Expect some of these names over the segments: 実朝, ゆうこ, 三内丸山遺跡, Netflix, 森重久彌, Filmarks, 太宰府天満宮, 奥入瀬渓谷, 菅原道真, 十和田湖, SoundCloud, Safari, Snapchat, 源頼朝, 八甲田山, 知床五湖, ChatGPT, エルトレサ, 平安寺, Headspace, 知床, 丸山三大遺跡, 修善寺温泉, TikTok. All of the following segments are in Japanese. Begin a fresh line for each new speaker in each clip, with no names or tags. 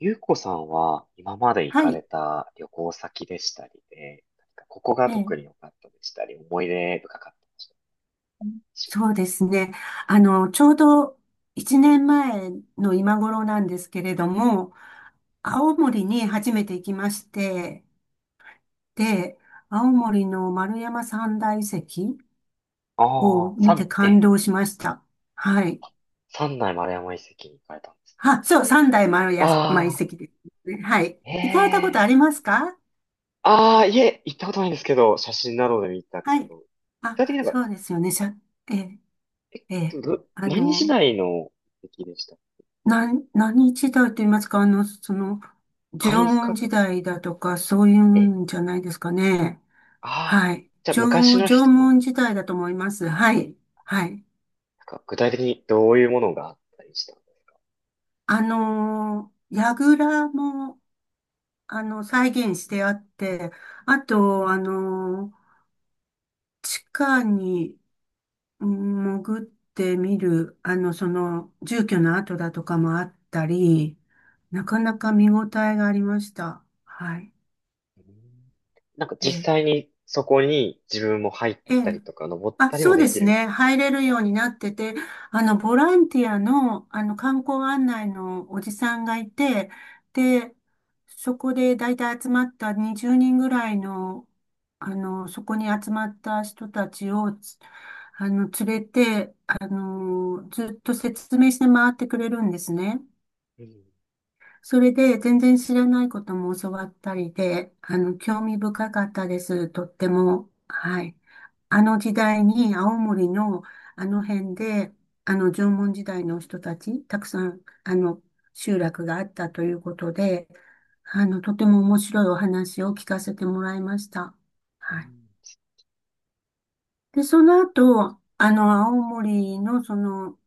ゆうこさんは今まで行か
は
れ
い。
た旅行先でしたりで、何かここが
え
特
え、
に良かったでしたり、思い出深かったでしたりしま
そう
す。
ですね。ちょうど1年前の今頃なんですけれども、青森に初めて行きまして、で、青森の丸山三大遺跡
あ
を
あ、
見て感動しました。はい。
三内丸山遺跡に行かれたんです。
あ、そう、三大丸山遺
ああ、
跡ですね。はい。行かれたこと
ええ、
ありますか？
ああ、いえ、行ったことないんですけど、写真などで見たこ
はい。
と。具体的
あ、
に
そうですよね。ええ、ええ。あ
何時
の、
代の遺跡でした？
何時代と言いますか、縄
貝塚
文
と
時
か？
代だとか、そうい
え、
うんじゃないですかね。
ああ、
はい。
じゃあ昔の
縄
人の、
文時代だと思います。はい。はい。
具体的にどういうものがあったりした？
櫓も、再現してあって、あと、地下にうん潜ってみる、住居の跡だとかもあったり、なかなか見応えがありました。はい。
うん、
え
実
え
際にそこに自分も入っ
ええ。
たりとか登っ
あ、
たり
そ
も
う
で
で
き
す
るみた
ね。
い
入れるようになってて、ボランティアの、観光案内のおじさんがいて、で、そこで大体集まった20人ぐらいの、そこに集まった人たちを、つあの、連れて、ずっと説明して回ってくれるんですね。
な？
それで全然知らないことも教わったりで、興味深かったです。とっても。はい。あの時代に青森のあの辺で、あの縄文時代の人たち、たくさん、集落があったということで、とても面白いお話を聞かせてもらいました。
うんう
は
ん
い。
な。
で、その後、青森の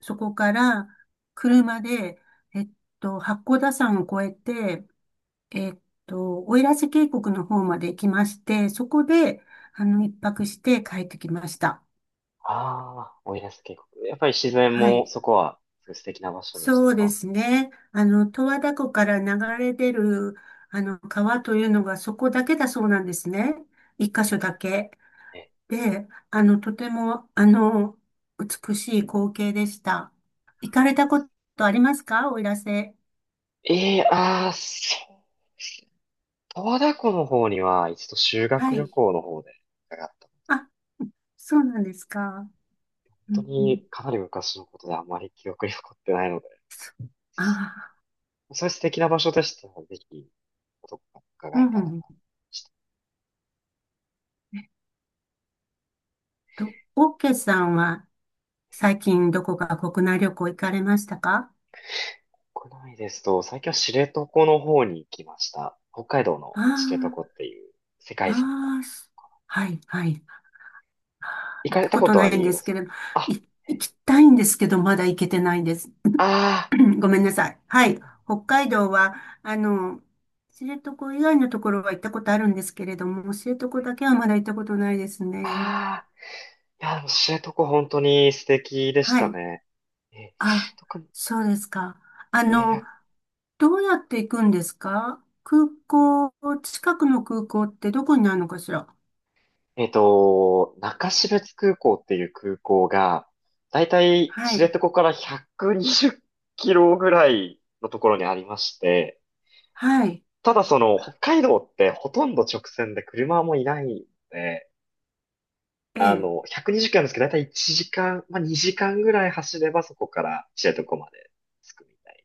そこから車で、えっ八甲田山を越えて、えっ奥入瀬渓谷の方まで行きまして、そこで、一泊して帰ってきました。
ああ、奥入瀬渓谷。やっぱり自然
は
も
い。
そこはすごい素敵な場所でした
そうで
か？
すね。十和田湖から流れ出る、川というのがそこだけだそうなんですね。一
う
箇所
ん、
だけ。
え、
で、とても、美しい光景でした。行かれたことありますか、奥入瀬？
ええ、そうですね。十和田湖の方には一度修
は
学旅
い。
行の方で伺った。
あ、そうなんですか。うん
本当
うん、
にかなり昔のことであまり記憶に残ってないので、
ああ、
そういう素敵な場所でしたら、ぜひ、どこか
う
伺え
んう
たら。
ん。と、オーケーさんは最近どこか国内旅行行かれましたか？
国内ですと、最近は知床の方に行きました。北海道の知床
あ
っていう世
あ、
界遺産の。
ああ、はい、はい。
行
行っ
かれ
た
た
こ
こ
と
と
な
あ
いん
り
で
ま
す
す
け
か？
れど、
あ、
い、行きたいんですけど、まだ行けてないんです。
あ
ごめんなさい。はい。北海道は、あの、知床以外のところは行ったことあるんですけれども、知床だけはまだ行ったことないです
あ、
ね。
ああ、いや、でも知床本当に素敵でし
は
た
い。
ね。え、
あ、
特に、
そうですか。あ
えー、
の、
や
どうやって行くんですか、空港、近くの空港ってどこになるのかしら？
えっと、中標津空港っていう空港が、だいたい
は
知
い、
床から120キロぐらいのところにありまして、
はい、
ただその北海道ってほとんど直線で車もいないので、
ええ、
120キロなんですけど、だいたい1時間、まあ、2時間ぐらい走ればそこから知床まで着くみたい。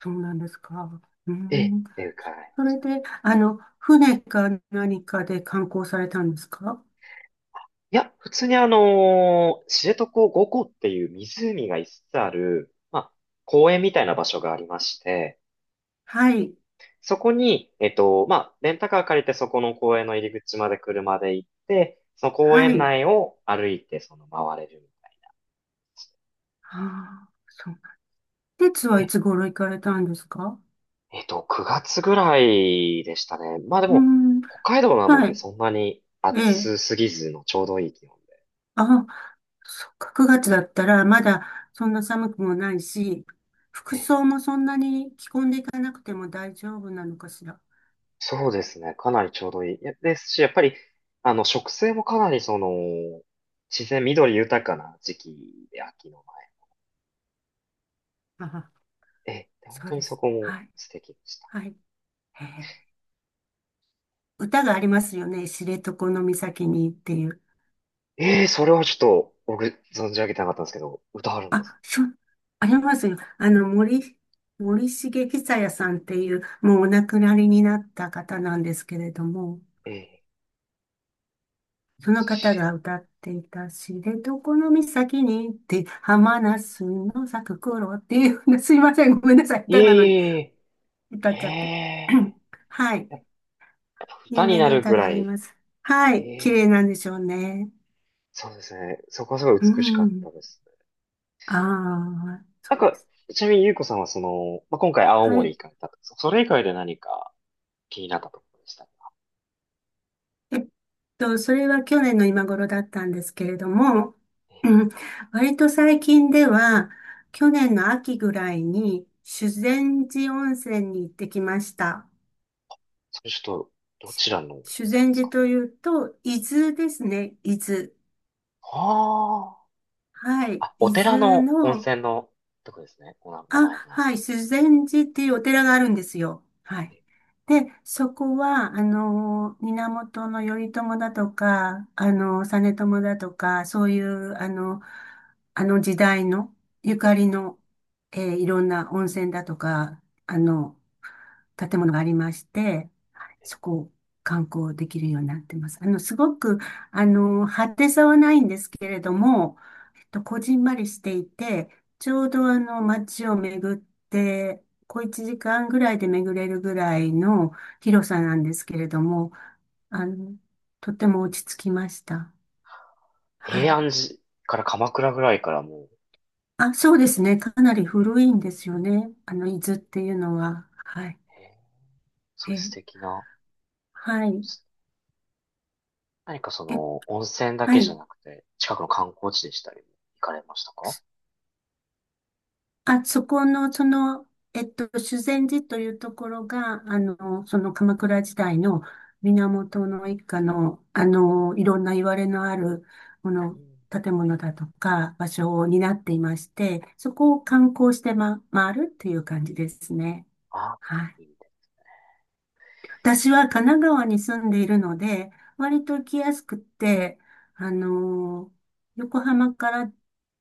そうなんですか。う
ええ、っ
ん、
ていうか、
それで、船か何かで観光されたんですか？
いや、普通に知床五湖っていう湖が5つつある、まあ、公園みたいな場所がありまして、
はい、
そこに、まあ、レンタカー借りてそこの公園の入り口まで車で行って、その公
は
園
い、
内を歩いてその回れるみた
ああ、そう。で、はい
い。
つ頃行かれたんですか？
9月ぐらいでしたね。まあで
う
も、
ん、
北海道なの
は
で
い、
そんなに
ええ、
暑すぎずのちょうどいい気温で。
あ、そっか、9月だったらまだそんな寒くもないし、服
え
装もそんなに着込んでいかなくても大丈夫なのかしら。
そうですね。かなりちょうどいい。いやですし、やっぱり、植生もかなり自然緑豊かな時期で秋の前。
あは
で、本
そ
当
う
に
で
そ
す。
こも
はい。
素敵でした。
はい。へえ。歌がありますよね。知床の岬にっていう。
それはちょっと、僕、存じ上げてなかったんですけど、歌あるんです。
あ、そう、ありますよ。森重久彌さんっていう、もうお亡くなりになった方なんですけれども、
えー、
その方
し
が歌っていた知床の岬に行って浜那須の咲く頃っていうような、すいません、ごめんなさい、
い
歌
え、
なのに
いえ、い
歌っ
え、
ちゃって。はい。
いや、
有
歌に
名
な
な
る
歌
ぐ
が
ら
あり
い、
ます。は
え
い。綺麗
え。
なんでしょうね。
そうですね。そこはすごい
う
美しかっ
ん。
たですね。
ああ、
な
そ
ん
うで
か、
す。
ちなみにゆうこさんはまあ、今回青
は
森
い。
行かれたと。それ以外で何か気になったところでしたか？
えっそれは去年の今頃だったんですけれども、うん割と最近では、去年の秋ぐらいに、修善寺温泉に行ってきました。
それちょっと、どちらの温泉
修善
です
寺
か？
というと、伊豆ですね。伊豆。
あ
はい。
あ。あ、お
伊
寺
豆
の温
の、
泉のとこですね。この名
あ、
前が。
はい。修善寺っていうお寺があるんですよ。はい。で、そこは、源頼朝だとか、実朝だとか、そういう、あの時代のゆかりの、いろんな温泉だとか、あの、建物がありまして、はい。そこを観光できるようになってます。すごく、派手さはないんですけれども、こじんまりしていて、ちょうど街を巡って、小1時間ぐらいで巡れるぐらいの広さなんですけれども、あの、とても落ち着きました。は
平
い。
安寺から鎌倉ぐらいからも。
あ、そうですね。かなり古いんですよね。伊豆っていうのは。はい。
へえ、そういう素
え、
敵な。
はい。
何か
え、
温泉だ
は
けじゃ
い。
なくて、近くの観光地でしたり、行かれましたか？
あ、そこの、修善寺というところが、その鎌倉時代の源の一家の、いろんな言われのある、こ
う
の、
ん。
建物だとか、場所を担っていまして、そこを観光して回るっていう感じですね。
あ、
はい。
いいね。
私は神奈川に住んでいるので、割と行きやすくって、あの、横浜から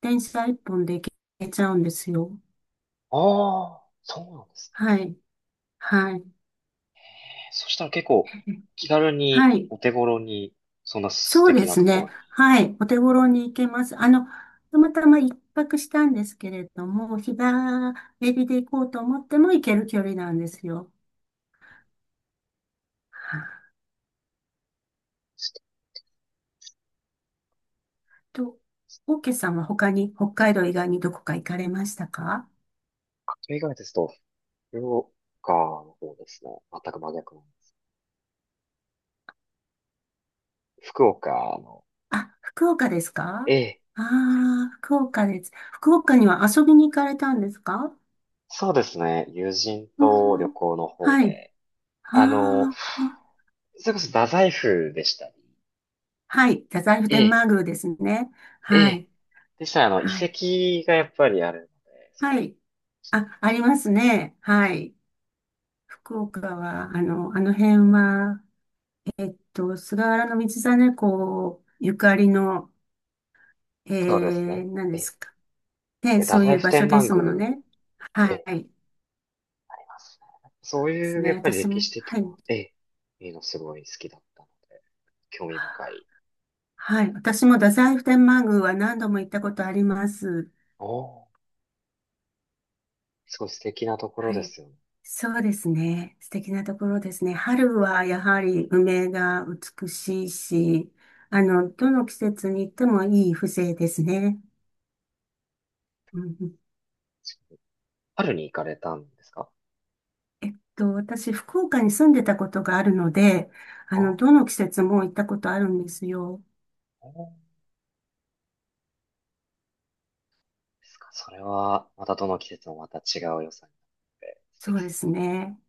電車一本で行けちゃうんですよ。
ああ、そうなんですね。
はい。はい。
そしたら結構気軽に
はい。
お手頃に、そんな素
そう
敵
で
な
す
ところ
ね。
に。
はい。お手頃に行けます。たまたま一泊したんですけれども、日帰りで行こうと思っても行ける距離なんですよ。はい。と、オーケーさんは他に、北海道以外にどこか行かれましたか？
例えがですと、福岡の方ですね。全く真逆なんです。福岡の。
あ、福岡です
え
か？
え、
ああー、福岡です。福岡には遊びに行かれたんですか？
そうですね。友人
う
と旅
ん、
行の方
はい。
で、あの、
ああ、
それこそ太宰府でしたり。
はい。太宰府
え
天
え、
満宮ですね。
え
は
え、
い。
でしたら遺
はい。
跡がやっぱりあるので、
はい。あ、ありますね。はい。福岡は、あの辺は、菅原道真公ゆかりの、え
そうですね。
何
え
です
え、
か。
で、
ね、
太
そうい
宰
う
府
場所
天
で
満
す
宮、
ものね。
え
は
え、
い。で
ありますね。そう
す
いうや
ね。
っぱり
私
歴
も、
史的
はい。
な、ええ、いいのすごい好きだったので。興味深い。
はい。私も太宰府天満宮は何度も行ったことあります。
おー、すごい素敵なところ
は
で
い。
すよね。
そうですね。素敵なところですね。春はやはり梅が美しいし、どの季節に行ってもいい風情ですね。うんうん。
春に行かれたんですか？
私、福岡に住んでたことがあるので、
あ、
どの季節も行ったことあるんですよ。
おーですか？それは、またどの季節もまた違う良さになって素
そ
敵
うで
そう。
すね。